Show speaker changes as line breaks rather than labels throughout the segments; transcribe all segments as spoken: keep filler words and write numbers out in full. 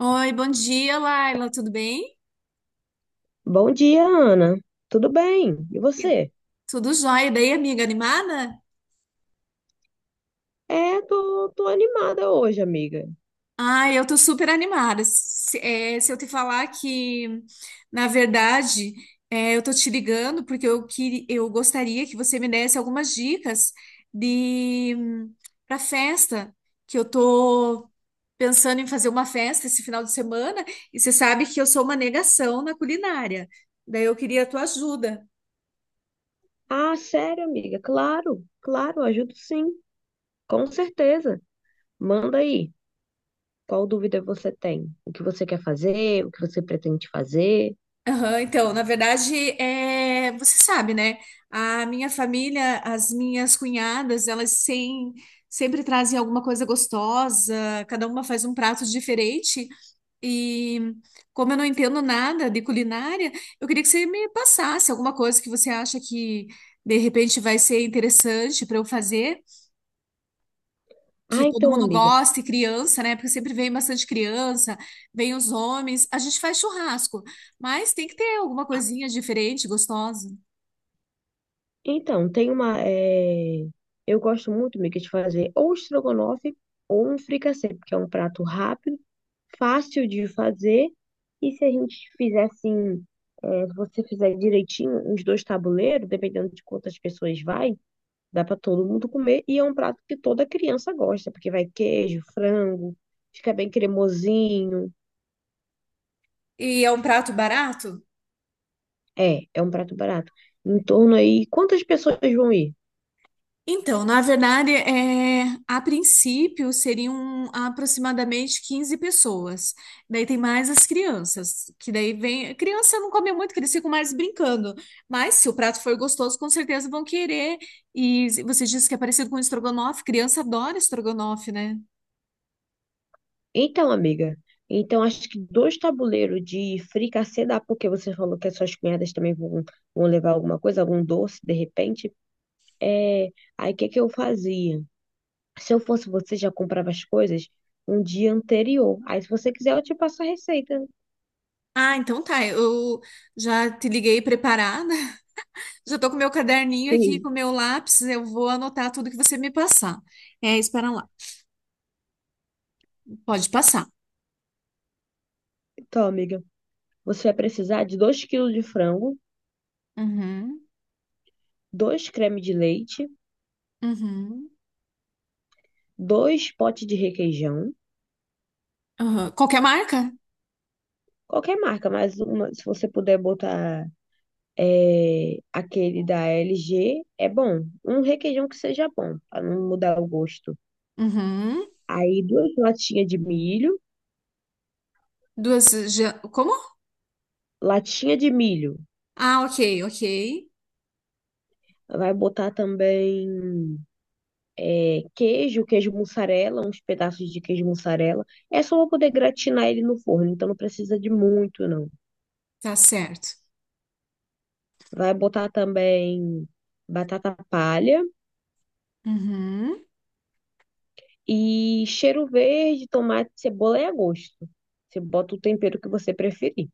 Oi, bom dia, Laila, tudo bem?
Bom dia, Ana. Tudo bem? E
E-
você?
Tudo jóia, e daí, amiga, animada?
É, tô, tô animada hoje, amiga.
Ai, eu tô super animada. Se, é, se eu te falar que, na verdade, é, eu tô te ligando porque eu, queria, eu gostaria que você me desse algumas dicas de para festa, que eu tô pensando em fazer uma festa esse final de semana e você sabe que eu sou uma negação na culinária. Daí eu queria a tua ajuda.
Ah, sério, amiga? Claro, claro, ajudo sim, com certeza. Manda aí. Qual dúvida você tem? O que você quer fazer? O que você pretende fazer?
Aham, então, na verdade, é, você sabe, né? A minha família, as minhas cunhadas, elas sem- sempre trazem alguma coisa gostosa, cada uma faz um prato diferente. E como eu não entendo nada de culinária, eu queria que você me passasse alguma coisa que você acha que de repente vai ser interessante para eu fazer que
Ah,
todo
então,
mundo
amiga.
gosta, e criança, né? Porque sempre vem bastante criança, vem os homens. A gente faz churrasco, mas tem que ter alguma coisinha diferente, gostosa.
Então, tem uma. eh, Eu gosto muito, Mica, de fazer ou estrogonofe ou um fricassê, porque é um prato rápido, fácil de fazer. E se a gente fizer assim, eh, se você fizer direitinho, uns dois tabuleiros, dependendo de quantas pessoas vai, dá para todo mundo comer. E é um prato que toda criança gosta, porque vai queijo, frango, fica bem cremosinho.
E é um prato barato?
É, é um prato barato. Em torno aí, quantas pessoas vão ir?
Então, na verdade, é, a princípio seriam aproximadamente quinze pessoas. Daí tem mais as crianças, que daí vem. Criança não come muito, que eles ficam mais brincando. Mas se o prato for gostoso, com certeza vão querer. E você disse que é parecido com estrogonofe. Criança adora estrogonofe, né?
Então, amiga, então acho que dois tabuleiros de fricassê dá, porque você falou que as suas cunhadas também vão, vão levar alguma coisa, algum doce, de repente. É, aí o que é que eu fazia? Se eu fosse você, já comprava as coisas um dia anterior. Aí, se você quiser, eu te passo a receita.
Ah, então tá. Eu já te liguei preparada. Já tô com meu caderninho aqui, com
Sim.
meu lápis. Eu vou anotar tudo que você me passar. É, espera lá. Pode passar.
Então, amiga, você vai precisar de dois quilos de frango,
Uhum,
dois creme de leite,
uhum,
dois potes de requeijão,
uhum. Qualquer marca?
qualquer marca, mas uma, se você puder botar. É, aquele da L G é bom. Um requeijão que seja bom, para não mudar o gosto.
Uhum.
Aí duas latinhas de milho,
Duas. ge- Como?
latinha de milho.
Ah, ok, ok.
Vai botar também é, queijo, queijo mussarela, uns pedaços de queijo mussarela. É só pra poder gratinar ele no forno, então não precisa de muito, não.
Tá certo.
Vai botar também batata palha
Uhum.
e cheiro verde, tomate, cebola é a gosto. Você bota o tempero que você preferir.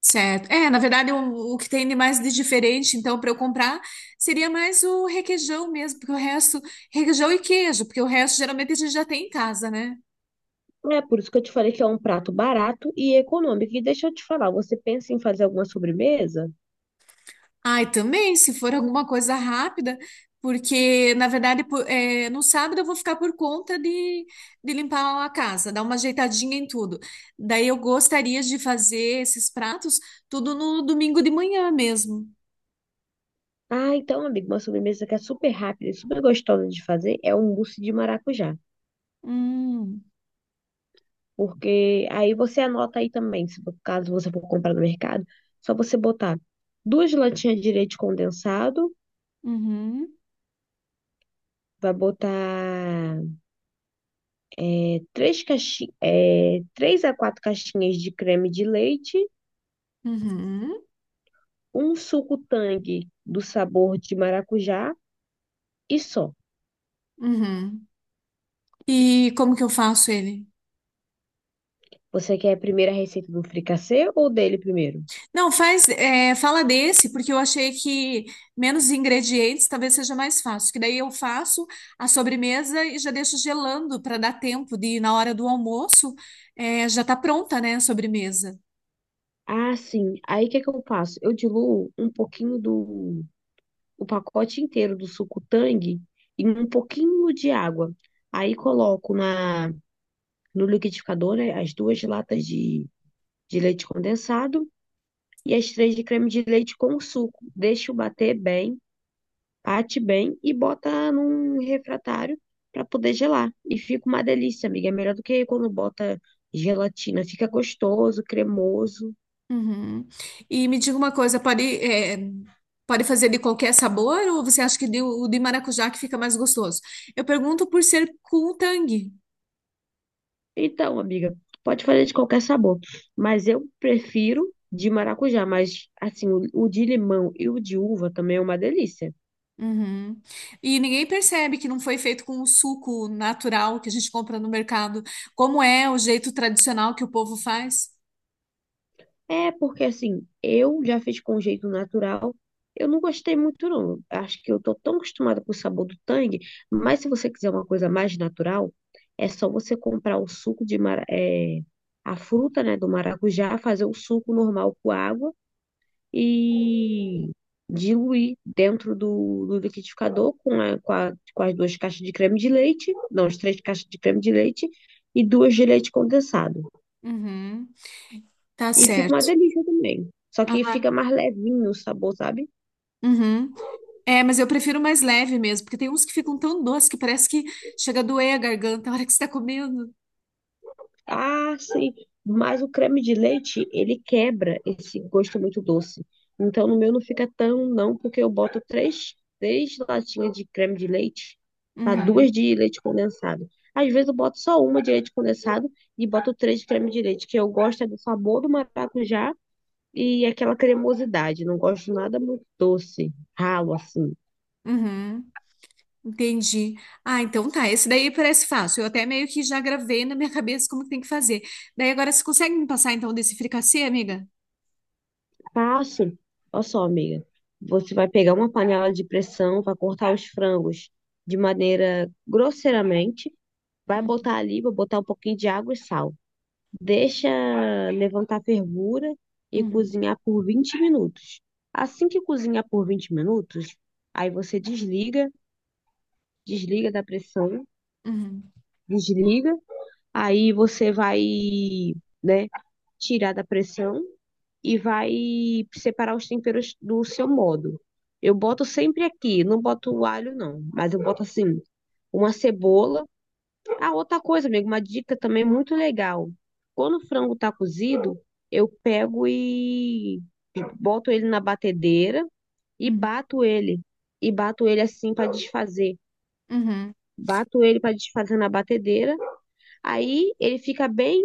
Certo. É, na verdade, o, o que tem de mais de diferente, então, para eu comprar, seria mais o requeijão mesmo, porque o resto, requeijão e queijo, porque o resto geralmente a gente já tem em casa, né?
É por isso que eu te falei que é um prato barato e econômico. E deixa eu te falar, você pensa em fazer alguma sobremesa?
Ai, também, se for alguma coisa rápida, porque, na verdade, po- é, no sábado eu vou ficar por conta de, de limpar a casa, dar uma ajeitadinha em tudo. Daí eu gostaria de fazer esses pratos tudo no domingo de manhã mesmo.
Ah, então, amigo, uma sobremesa que é super rápida e super gostosa de fazer é um mousse de maracujá.
Hum,
Porque aí você anota aí também, se por caso você for comprar no mercado, só você botar duas latinhas de leite condensado,
uhum,
vai botar é, três caixi- é, três a quatro caixinhas de creme de leite,
uhum,
um suco Tang do sabor de maracujá e só.
uhum. E como que eu faço ele?
Você quer primeiro a receita do fricassê ou dele primeiro?
Não, faz, é, fala desse, porque eu achei que menos ingredientes talvez seja mais fácil. Que daí eu faço a sobremesa e já deixo gelando para dar tempo de, na hora do almoço, é, já tá pronta, né, a sobremesa.
Ah, sim. Aí o que que eu faço? Eu diluo um pouquinho do o pacote inteiro do suco Tang em um pouquinho de água. Aí coloco na no liquidificador, né, as duas latas de, de leite condensado e as três de creme de leite com o suco. Deixo bater bem. Bate bem e bota num refratário para poder gelar. E fica uma delícia, amiga. É melhor do que quando bota gelatina. Fica gostoso, cremoso.
Uhum. E me diga uma coisa, pode, é, pode fazer de qualquer sabor ou você acha que de- o de maracujá que fica mais gostoso? Eu pergunto por ser com o Tang.
Então, amiga, pode fazer de qualquer sabor. Mas eu prefiro de maracujá. Mas, assim, o, o de limão e o de uva também é uma delícia.
Uhum. E ninguém percebe que não foi feito com o suco natural que a gente compra no mercado, como é o jeito tradicional que o povo faz.
É, porque assim, eu já fiz com jeito natural. Eu não gostei muito, não. Acho que eu tô tão acostumada com o sabor do tangue, mas se você quiser uma coisa mais natural, é só você comprar o suco de mara, é, a fruta, né, do maracujá, fazer o suco normal com água e diluir dentro do, do liquidificador com, a- com, a- com as duas caixas de creme de leite, não, as três caixas de creme de leite e duas de leite condensado.
Uhum. Tá
E fica uma
certo.
delícia também. Só que
Ah,
fica mais levinho o sabor, sabe?
uhum. É, mas eu prefiro mais leve mesmo, porque tem uns que ficam tão doces que parece que chega a doer a garganta na hora que você tá comendo.
Ah, sim. Mas o creme de leite, ele quebra esse gosto muito doce. Então, no meu não fica tão, não, porque eu boto três, três latinhas de creme de leite, tá?
Uhum.
Duas de leite condensado. Às vezes eu boto só uma de leite condensado e boto três de creme de leite, que eu gosto é do sabor do maracujá e aquela cremosidade. Não gosto nada muito doce, ralo assim.
Uhum. Entendi. Ah, então tá. Esse daí parece fácil. Eu até meio que já gravei na minha cabeça como que tem que fazer. Daí agora você consegue me passar então desse fricassê, amiga?
Passo, olha só, amiga. Você vai pegar uma panela de pressão, vai cortar os frangos de maneira grosseiramente, vai
Uhum.
botar ali, vai botar um pouquinho de água e sal. Deixa levantar a fervura e
Uhum.
cozinhar por vinte minutos. Assim que cozinhar por vinte minutos, aí você desliga, desliga da pressão,
Uhum.
desliga, aí você vai, né, tirar da pressão e vai separar os temperos do seu modo. Eu boto sempre aqui, não boto o alho não, mas eu boto assim, uma cebola. Ah, outra coisa, amigo, uma dica também muito legal. Quando o frango tá cozido, eu pego e boto ele na batedeira e
Uhum.
bato ele. E bato ele assim para desfazer.
Uhum,
Bato ele para desfazer na batedeira. Aí ele fica bem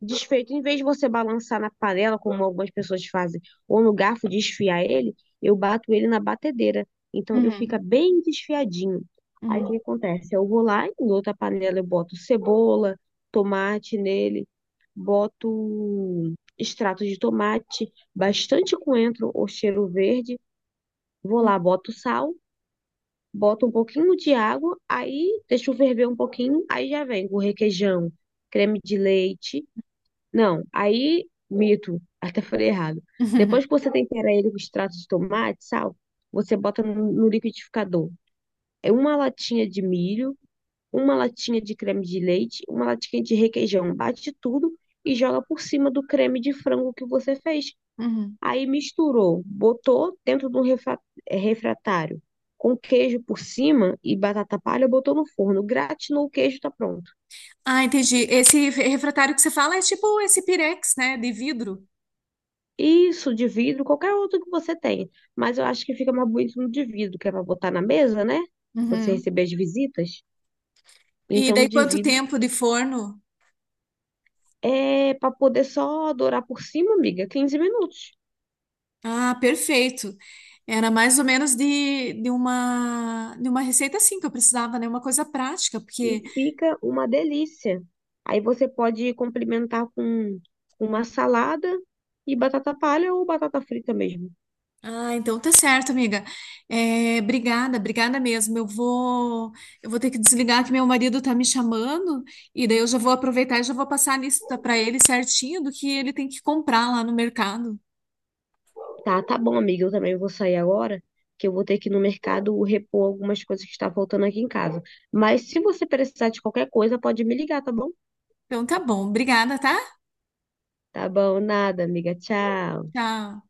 desfeito. Em vez de você balançar na panela, como algumas pessoas fazem, ou no garfo desfiar ele, eu bato ele na batedeira. Então ele
uhum,
fica bem desfiadinho. Aí o que
uhum,
acontece? Eu vou lá, em outra panela eu boto cebola, tomate nele, boto extrato de tomate, bastante coentro ou cheiro verde. Vou
uhum,
lá, boto sal. Bota um pouquinho de água, aí deixa ferver um pouquinho, aí já vem o requeijão, creme de leite. Não, aí, mito, até falei errado.
uhum,
Depois que você tempera ele com extrato de tomate, sal, você bota no, no liquidificador. É uma latinha de milho, uma latinha de creme de leite, uma latinha de requeijão. Bate tudo e joga por cima do creme de frango que você fez.
uhum.
Aí misturou, botou dentro do refra- eh, refratário com queijo por cima e batata palha, botou no forno, gratinou o queijo, tá pronto.
Ah, entendi. Esse refratário que você fala é tipo esse pirex, né, de vidro.
Isso de vidro, qualquer outro que você tenha, mas eu acho que fica mais bonito no de vidro, que é para botar na mesa, né? Você
Uhum.
receber as visitas.
E
Então, no
daí
de
quanto
vidro
tempo de forno?
é para poder só dourar por cima, amiga, quinze minutos.
Ah, perfeito. Era mais ou menos de, de uma de uma receita assim que eu precisava, né? Uma coisa prática,
E
porque
fica uma delícia. Aí você pode complementar com uma salada e batata palha ou batata frita mesmo.
Ah, então tá certo, amiga. É, obrigada, obrigada mesmo. Eu vou, eu vou ter que desligar que meu marido tá me chamando e daí eu já vou aproveitar e já vou passar a lista para ele certinho do que ele tem que comprar lá no mercado.
Tá, tá bom, amiga. Eu também vou sair agora, que eu vou ter que ir no mercado repor algumas coisas que está faltando aqui em casa. Mas se você precisar de qualquer coisa, pode me ligar, tá bom?
Então tá bom, obrigada, tá?
Tá bom, nada, amiga. Tchau.
Tchau.